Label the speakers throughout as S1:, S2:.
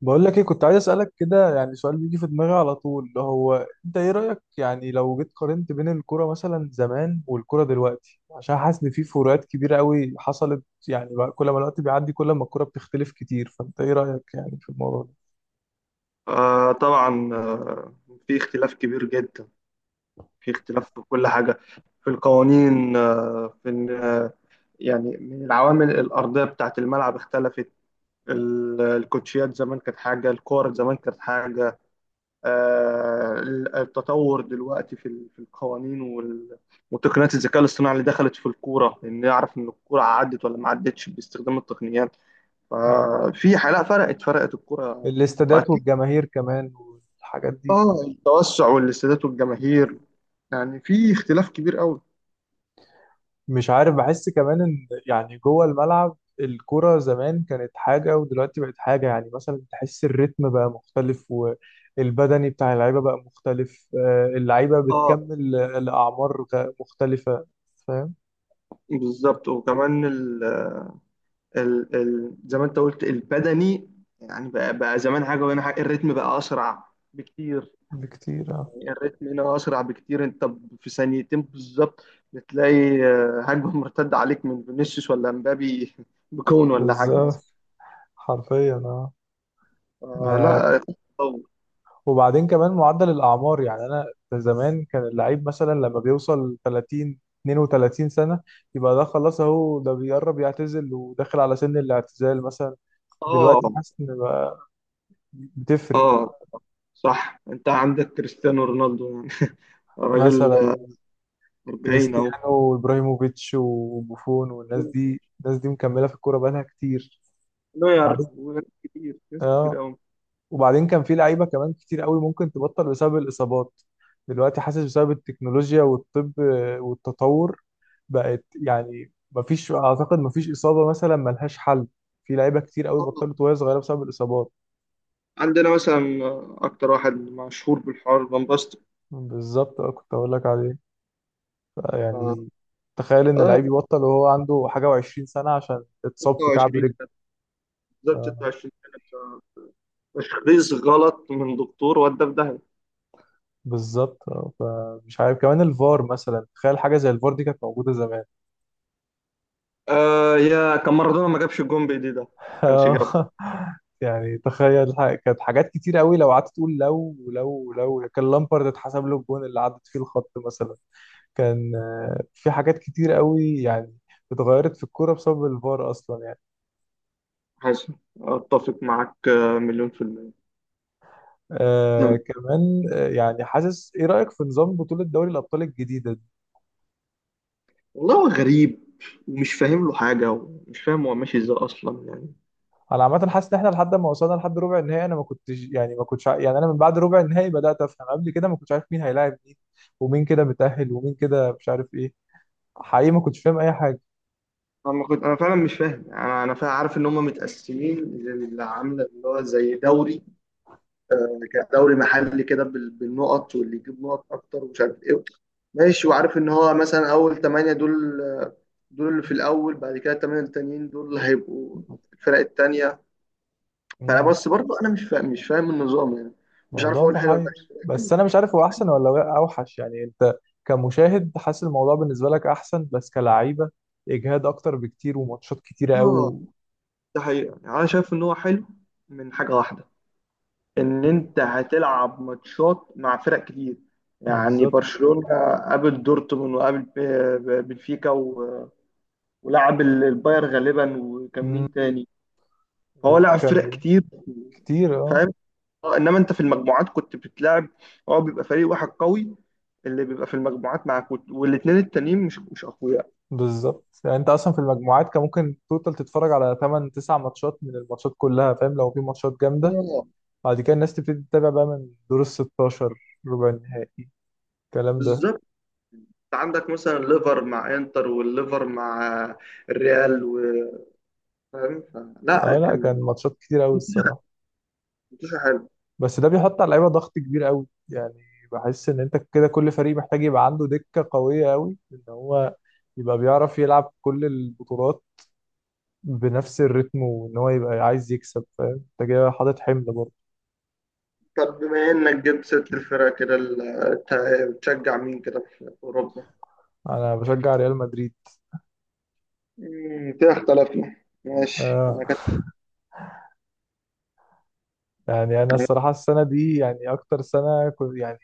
S1: بقول لك ايه، كنت عايز اسالك كده يعني. سؤال بيجي في دماغي على طول، اللي هو انت ايه رايك يعني لو جيت قارنت بين الكوره مثلا زمان والكوره دلوقتي؟ عشان حاسس ان في فروقات كبيره قوي حصلت يعني، بقى كل ما الوقت بيعدي كل ما الكوره بتختلف كتير. فانت ايه رايك يعني في الموضوع ده؟
S2: آه طبعا. في اختلاف كبير جدا، في اختلاف في كل حاجة، في القوانين، آه في ال- آه، يعني من العوامل الأرضية بتاعة الملعب اختلفت. الكوتشيات زمان كانت حاجة، الكور زمان كانت حاجة. التطور دلوقتي في، في القوانين وتقنيات الذكاء الاصطناعي اللي دخلت في الكورة، إن نعرف إن الكورة عدت ولا ما عدتش باستخدام التقنيات.
S1: مم.
S2: ففي حالة فرقت الكورة.
S1: الاستادات والجماهير كمان والحاجات دي.
S2: اه، التوسع والاستادات والجماهير، يعني في اختلاف كبير قوي.
S1: مش عارف، بحس كمان ان يعني جوه الملعب الكرة زمان كانت حاجة ودلوقتي بقت حاجة. يعني مثلا تحس الريتم بقى مختلف، والبدني بتاع اللعيبة بقى مختلف آه، اللعيبة
S2: اه،
S1: بتكمل الأعمار مختلفة. فاهم.
S2: بالظبط. وكمان ال زي ما انت قلت البدني، يعني بقى زمان حاجه وهنا حاجه، الريتم بقى اسرع بكتير.
S1: بكتير اه.
S2: يعني الريتم هنا اسرع بكتير. انت في ثانيتين بالظبط بتلاقي هجمه مرتده عليك من فينيسيوس ولا مبابي بكون، ولا حاجه مثلا.
S1: بالظبط. حرفيا اه. ما
S2: آه
S1: انا.
S2: لا، تطور.
S1: وبعدين كمان معدل الأعمار، يعني انا زمان كان اللعيب مثلا لما بيوصل 30 32 سنة يبقى ده خلاص، اهو ده بيقرب يعتزل وداخل على سن الاعتزال مثلا.
S2: اه
S1: دلوقتي حاسس ان بقى بتفرق.
S2: اه صح، انت عندك كريستيانو رونالدو يعني راجل
S1: مثلا
S2: 40 اهو.
S1: كريستيانو وابراهيموفيتش وبوفون والناس دي، الناس دي مكمله في الكوره بقالها كتير.
S2: نوير
S1: وبعدين
S2: وناس كتير، ناس كتير
S1: اه،
S2: قوي.
S1: وبعدين كان في لعيبه كمان كتير قوي ممكن تبطل بسبب الاصابات. دلوقتي حاسس بسبب التكنولوجيا والطب والتطور بقت يعني مفيش، اعتقد مفيش اصابه مثلا ملهاش حل. في لعيبه كتير قوي بطلت وهي صغيره بسبب الاصابات.
S2: عندنا مثلا اكتر واحد مشهور بالحوار فان باستن،
S1: بالظبط اه، كنت اقول لك عليه. يعني تخيل ان
S2: اه
S1: لعيب يبطل وهو عنده حاجه وعشرين سنه عشان اتصاب في كعب
S2: 26،
S1: رجل.
S2: بالظبط
S1: آه،
S2: 26 سنه بتاع. تشخيص غلط من دكتور، ودى في داهيه.
S1: بالظبط آه، فمش عارف. كمان الفار مثلا، تخيل حاجه زي الفار دي كانت موجوده زمان.
S2: آه، يا كان مارادونا ما جابش الجون بايديه، ده ما كانش جابه.
S1: آه، يعني تخيل كانت حاجات كتير قوي لو قعدت تقول. لو لو كان لامبارد اتحسب له الجون اللي عدت فيه الخط مثلا، كان آه، في حاجات كتير قوي يعني اتغيرت في الكوره بسبب الفار اصلا يعني.
S2: حسن، اتفق معاك مليون في المية.
S1: آه
S2: نعم.
S1: كمان آه، يعني حاسس، ايه رايك في نظام بطوله دوري الابطال الجديده؟
S2: والله هو غريب، ومش فاهم له حاجة، ومش فاهم هو ماشي ازاي أصلا يعني.
S1: انا عامه حاسس ان احنا لحد ما وصلنا لحد ربع النهائي انا ما كنتش يعني ما يعني انا من بعد ربع النهائي بدات افهم. قبل كده ما كنتش عارف مين هيلاعب مين ومين كده متاهل ومين كده مش عارف ايه. حقيقي ما كنتش فاهم اي حاجه.
S2: انا فعلا مش فاهم. انا فعلا عارف ان هم متقسمين، اللي عامله اللي هو زي دوري، دوري محلي كده بالنقط، واللي يجيب نقط اكتر ومش عارف ايه. ماشي، وعارف ان هو مثلا اول ثمانية دول، اللي في الاول. بعد كده الثمانية التانيين دول اللي هيبقوا الفرق التانية. فانا
S1: امم.
S2: بس برضه انا مش فاهم النظام يعني. مش عارف
S1: موضوع
S2: اقول حلو ولا
S1: محير،
S2: لا.
S1: بس انا مش عارف هو احسن ولا هو اوحش. يعني انت كمشاهد حاسس الموضوع بالنسبه لك احسن، بس كلعيبه اجهاد اكتر بكتير، وماتشات كتيره قوي
S2: اه،
S1: و...
S2: ده حقيقة يعني، انا شايف ان هو حلو من حاجة واحدة، ان انت هتلعب ماتشات مع فرق كتير. يعني
S1: بالظبط.
S2: برشلونة قابل دورتموند، وقابل بنفيكا، ولعب الباير غالبا، وكان
S1: امم.
S2: مين تاني. فهو لعب فرق
S1: وكان.
S2: كتير،
S1: كتير اه.
S2: فاهم. انما انت في المجموعات كنت بتلعب، هو بيبقى فريق واحد قوي اللي بيبقى في المجموعات معاك، والاتنين التانيين مش اقوياء.
S1: بالظبط، يعني انت اصلا في المجموعات كان ممكن توتال تتفرج على 8 9 ماتشات من الماتشات كلها، فاهم؟ لو في ماتشات جامده.
S2: اه،
S1: بعد كده الناس تبتدي تتابع بقى من دور ال 16، ربع النهائي، الكلام ده.
S2: بالظبط. عندك مثلا ليفر مع انتر، والليفر مع الريال، فاهم. لا،
S1: اه لا
S2: كان
S1: كان ماتشات كتير قوي الصراحه.
S2: ماتش حلو.
S1: بس ده بيحط على اللعيبه ضغط كبير قوي يعني. بحس ان انت كده كل فريق محتاج يبقى عنده دكه قويه قوي ان هو يبقى بيعرف يلعب كل البطولات بنفس الريتم، وان هو يبقى عايز يكسب. فاهم انت كده حاطط حمل برضه.
S2: طب بما انك جبت ست الفرق كده، بتشجع مين كده في اوروبا؟
S1: انا بشجع ريال مدريد.
S2: مم، كده اختلفنا. ماشي،
S1: آه.
S2: انا كنت...
S1: يعني انا الصراحه السنه دي يعني اكتر سنه كنت يعني،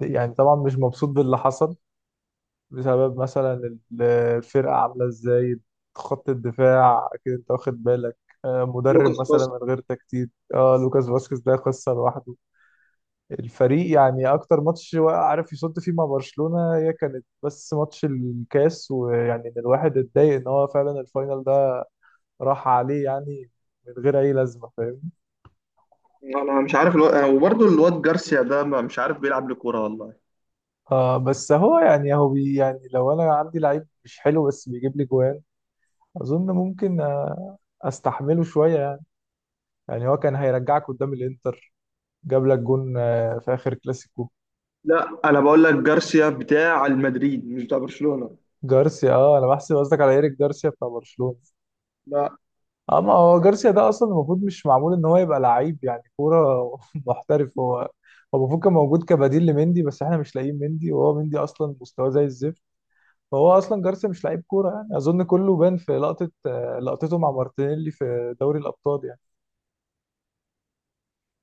S1: يعني طبعا مش مبسوط باللي حصل، بسبب مثلا ال- الفرقه عامله ازاي، خط الدفاع اكيد انت واخد بالك آه،
S2: لوكاس
S1: مدرب مثلا من
S2: باسكت.
S1: غير تكتيك اه، لوكاس فاسكيز ده قصه لوحده. الفريق يعني اكتر ماتش وقع- عارف يصد فيه مع برشلونه هي كانت بس ماتش الكاس، ويعني ان الواحد اتضايق ان هو فعلا الفاينل ده راح عليه يعني من غير اي لازمه، فاهم.
S2: انا مش عارف الو... وبرضه الواد جارسيا ده، مش عارف بيلعب لكوره والله.
S1: اه بس هو يعني هو بي يعني لو انا عندي لعيب مش حلو بس بيجيب لي جوان، اظن ممكن آه، استحمله شويه يعني. يعني هو كان هيرجعك قدام الانتر، جاب لك جون آه، في اخر كلاسيكو.
S2: لا، انا بقول لك جارسيا بتاع المدريد مش بتاع برشلونه.
S1: جارسيا اه، انا بحسب قصدك على ايريك جارسيا بتاع برشلونه.
S2: لا.
S1: اه، ما هو جارسيا ده اصلا المفروض مش معمول ان هو يبقى لعيب يعني كوره محترف هو. هو المفروض كان موجود كبديل لمندي، بس احنا مش لاقيين مندي، وهو مندي اصلا مستواه زي الزفت. فهو اصلا جارسيا مش لعيب كوره، يعني اظن كله بان في لقطه آه، لقطته مع مارتينيلي في دوري الابطال يعني.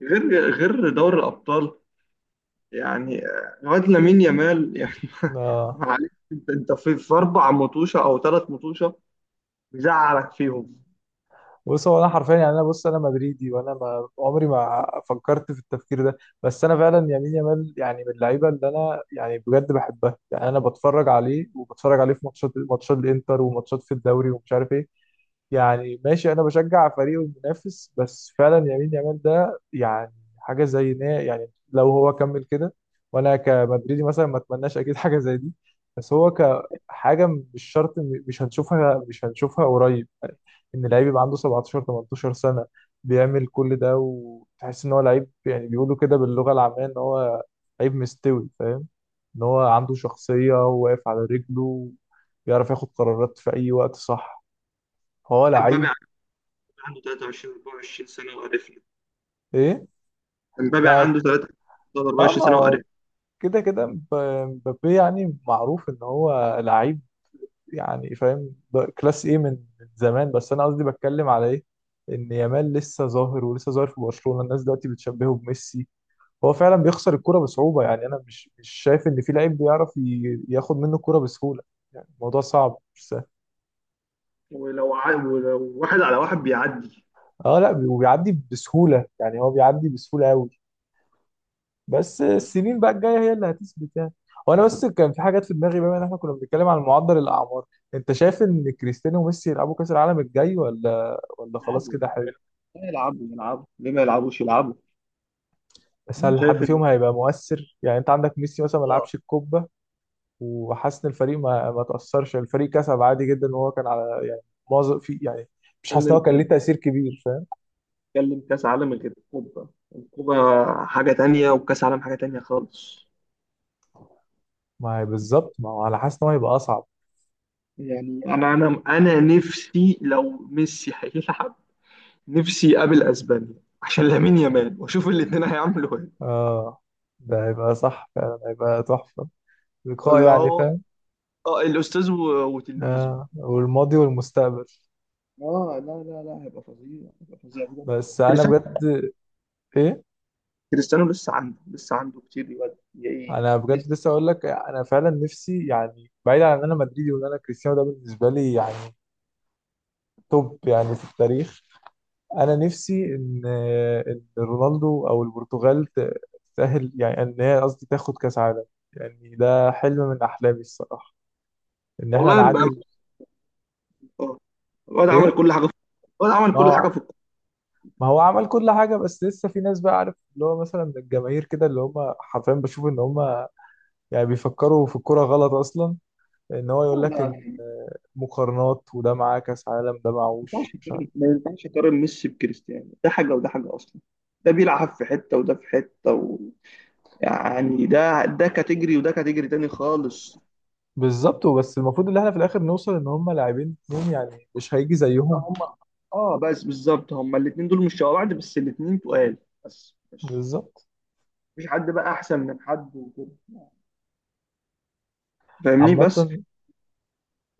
S2: غير غير دوري الابطال يعني. الواد لامين يامال يعني
S1: آه،
S2: معلش، انت في اربع مطوشه او ثلاث مطوشه مزعلك فيهم.
S1: بص هو انا حرفيا يعني، انا بص انا مدريدي، وانا ما عمري ما فكرت في التفكير ده. بس انا فعلا يمين يامال يعني من اللعيبه اللي انا يعني بجد بحبها يعني. انا بتفرج عليه، وبتفرج عليه في ماتشات الانتر وماتشات في الدوري ومش عارف ايه. يعني ماشي، انا بشجع فريقه المنافس، بس فعلا يمين يامال ده يعني حاجه، زي يعني لو هو كمل كده، وانا كمدريدي مثلا ما اتمناش اكيد حاجه زي دي. بس هو كحاجه مش شرط مش هنشوفها، مش هنشوفها قريب. ان لعيب يبقى عنده 17 18 سنه بيعمل كل ده وتحس ان هو لعيب. يعني بيقولوا كده باللغه العاميه ان هو لعيب مستوي، فاهم. ان هو عنده شخصيه وواقف على رجله، ويعرف ياخد قرارات في اي وقت. صح، هو
S2: امبابي
S1: لعيب.
S2: عنده 23 24 سنة وقرفنا.
S1: ايه.
S2: امبابي
S1: ما
S2: عنده 23
S1: اه
S2: 24
S1: ما
S2: سنة
S1: هو
S2: وقرفنا.
S1: كده كده مبابي يعني معروف ان هو لعيب، يعني فاهم ده كلاس ايه من من زمان. بس انا قصدي بتكلم على ايه، ان يامال لسه ظاهر ولسه ظاهر في برشلونة. الناس دلوقتي بتشبهه بميسي. هو فعلا بيخسر الكرة بصعوبة، يعني انا مش شايف ان في لعيب بيعرف ياخد منه الكرة بسهولة. يعني الموضوع صعب مش سهل.
S2: ولو واحد على واحد بيعدي
S1: اه لا، وبيعدي بسهولة، يعني هو بيعدي بسهولة قوي. بس
S2: يعني.
S1: السنين بقى الجايه هي اللي هتثبت يعني. وانا بس كان في حاجات في دماغي، بما ان احنا كنا بنتكلم عن معدل الاعمار، انت شايف ان كريستيانو وميسي يلعبوا كاس العالم الجاي ولا ولا خلاص
S2: يلعبوا،
S1: كده حلو؟
S2: يلعبوا ليه ما يلعبوش؟ يلعبوا.
S1: بس هل حد
S2: شايف ان
S1: فيهم هيبقى مؤثر؟ يعني انت عندك ميسي مثلا ما
S2: آه،
S1: لعبش الكوبا، وحاسس ان الفريق ما تاثرش، يعني الفريق كسب عادي جدا، وهو كان على يعني معظم في يعني، مش حاسس ان هو كان ليه
S2: بتتكلم
S1: تاثير كبير، فاهم.
S2: بتتكلم كاس عالم غير الكوبا. الكوبا حاجة تانية وكاس عالم حاجة تانية خالص.
S1: ما هي بالظبط، ما هو انا حاسس ان هو هيبقى اصعب.
S2: يعني انا نفسي لو ميسي هيلعب، نفسي يقابل اسبانيا عشان لامين يامال، واشوف الاتنين هيعملوا ايه.
S1: اه، ده هيبقى صح، فعلا هيبقى تحفه، لقاء
S2: اللي
S1: يعني
S2: هو
S1: فاهم.
S2: اه الاستاذ وتلميذه.
S1: آه، والماضي والمستقبل.
S2: اه لا لا لا، هيبقى فظيع، هيبقى فظيع بجد.
S1: بس انا
S2: كريستيانو.
S1: بجد. ايه.
S2: كريستيانو لسه عنده كتير، يود
S1: انا
S2: يعني
S1: بجد
S2: لسه.
S1: لسه اقول لك، انا فعلا نفسي، يعني بعيد عن ان انا مدريدي وان انا كريستيانو ده بالنسبه لي يعني توب يعني في التاريخ، انا نفسي ان رونالدو او البرتغال تتاهل، يعني ان هي قصدي تاخد كاس عالم. يعني ده حلم من احلامي الصراحه ان احنا
S2: والله بقى.
S1: نعادل.
S2: اه، الواد عمل
S1: ايه.
S2: كل حاجه في الواد عمل
S1: ما
S2: كل حاجه
S1: هو،
S2: في الكوره.
S1: ما هو عمل كل حاجه بس لسه في ناس بقى، عارف اللي هو مثلا من الجماهير كده، اللي هم حرفيا بشوف ان هم يعني بيفكروا في الكرة غلط أصلا. إن هو يقول
S2: لا
S1: لك
S2: لا
S1: إن
S2: لا،
S1: مقارنات، وده معاه كأس عالم، ده
S2: ما
S1: معهوش،
S2: ينفعش
S1: مش
S2: تقارن
S1: عارف.
S2: ما ينفعش تقارن ميسي بكريستيانو. ده حاجه وده حاجه اصلا، ده بيلعب في حته وده في حته و... يعني ده كاتيجري وده كاتيجري تاني خالص.
S1: بالظبط، وبس المفروض إن إحنا في الآخر نوصل إن هم لاعبين اتنين يعني مش هيجي زيهم.
S2: هم. اه بس بالظبط، هم الاثنين دول مش شبه بعض، بس الاثنين تقال. بس مش
S1: بالظبط.
S2: مفيش حد بقى احسن من حد وكده، فاهمني.
S1: عامة
S2: بس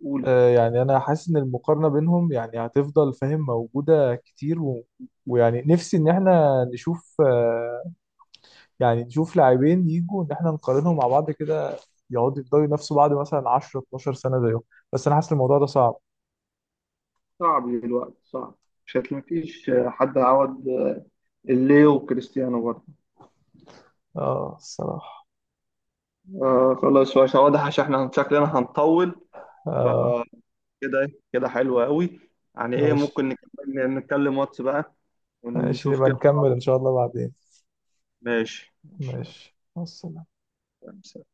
S2: قول.
S1: آه، يعني أنا حاسس إن المقارنة بينهم يعني هتفضل فاهم موجودة كتير و... ويعني نفسي إن إحنا نشوف آه، يعني نشوف لاعبين يجوا إن إحنا نقارنهم مع بعض كده، يقعدوا يفضلوا ينافسوا بعض مثلا 10 12 سنة زيهم. بس أنا حاسس الموضوع ده صعب.
S2: صعب، دلوقتي صعب. مش هتلاقي، مفيش حد هيعوض الليو وكريستيانو برضه.
S1: آه الصراحة.
S2: آه خلاص، بس واضح عشان احنا شكلنا هنطول.
S1: اه
S2: فكده إيه، كده حلو قوي يعني. ايه،
S1: ماشي.
S2: ممكن نكمل نتكلم واتس بقى
S1: ماشي
S2: ونشوف
S1: نبقى
S2: كده.
S1: نكمل ان شاء الله بعدين.
S2: ماشي ماشي.
S1: ماشي، مع السلامة.
S2: يلا.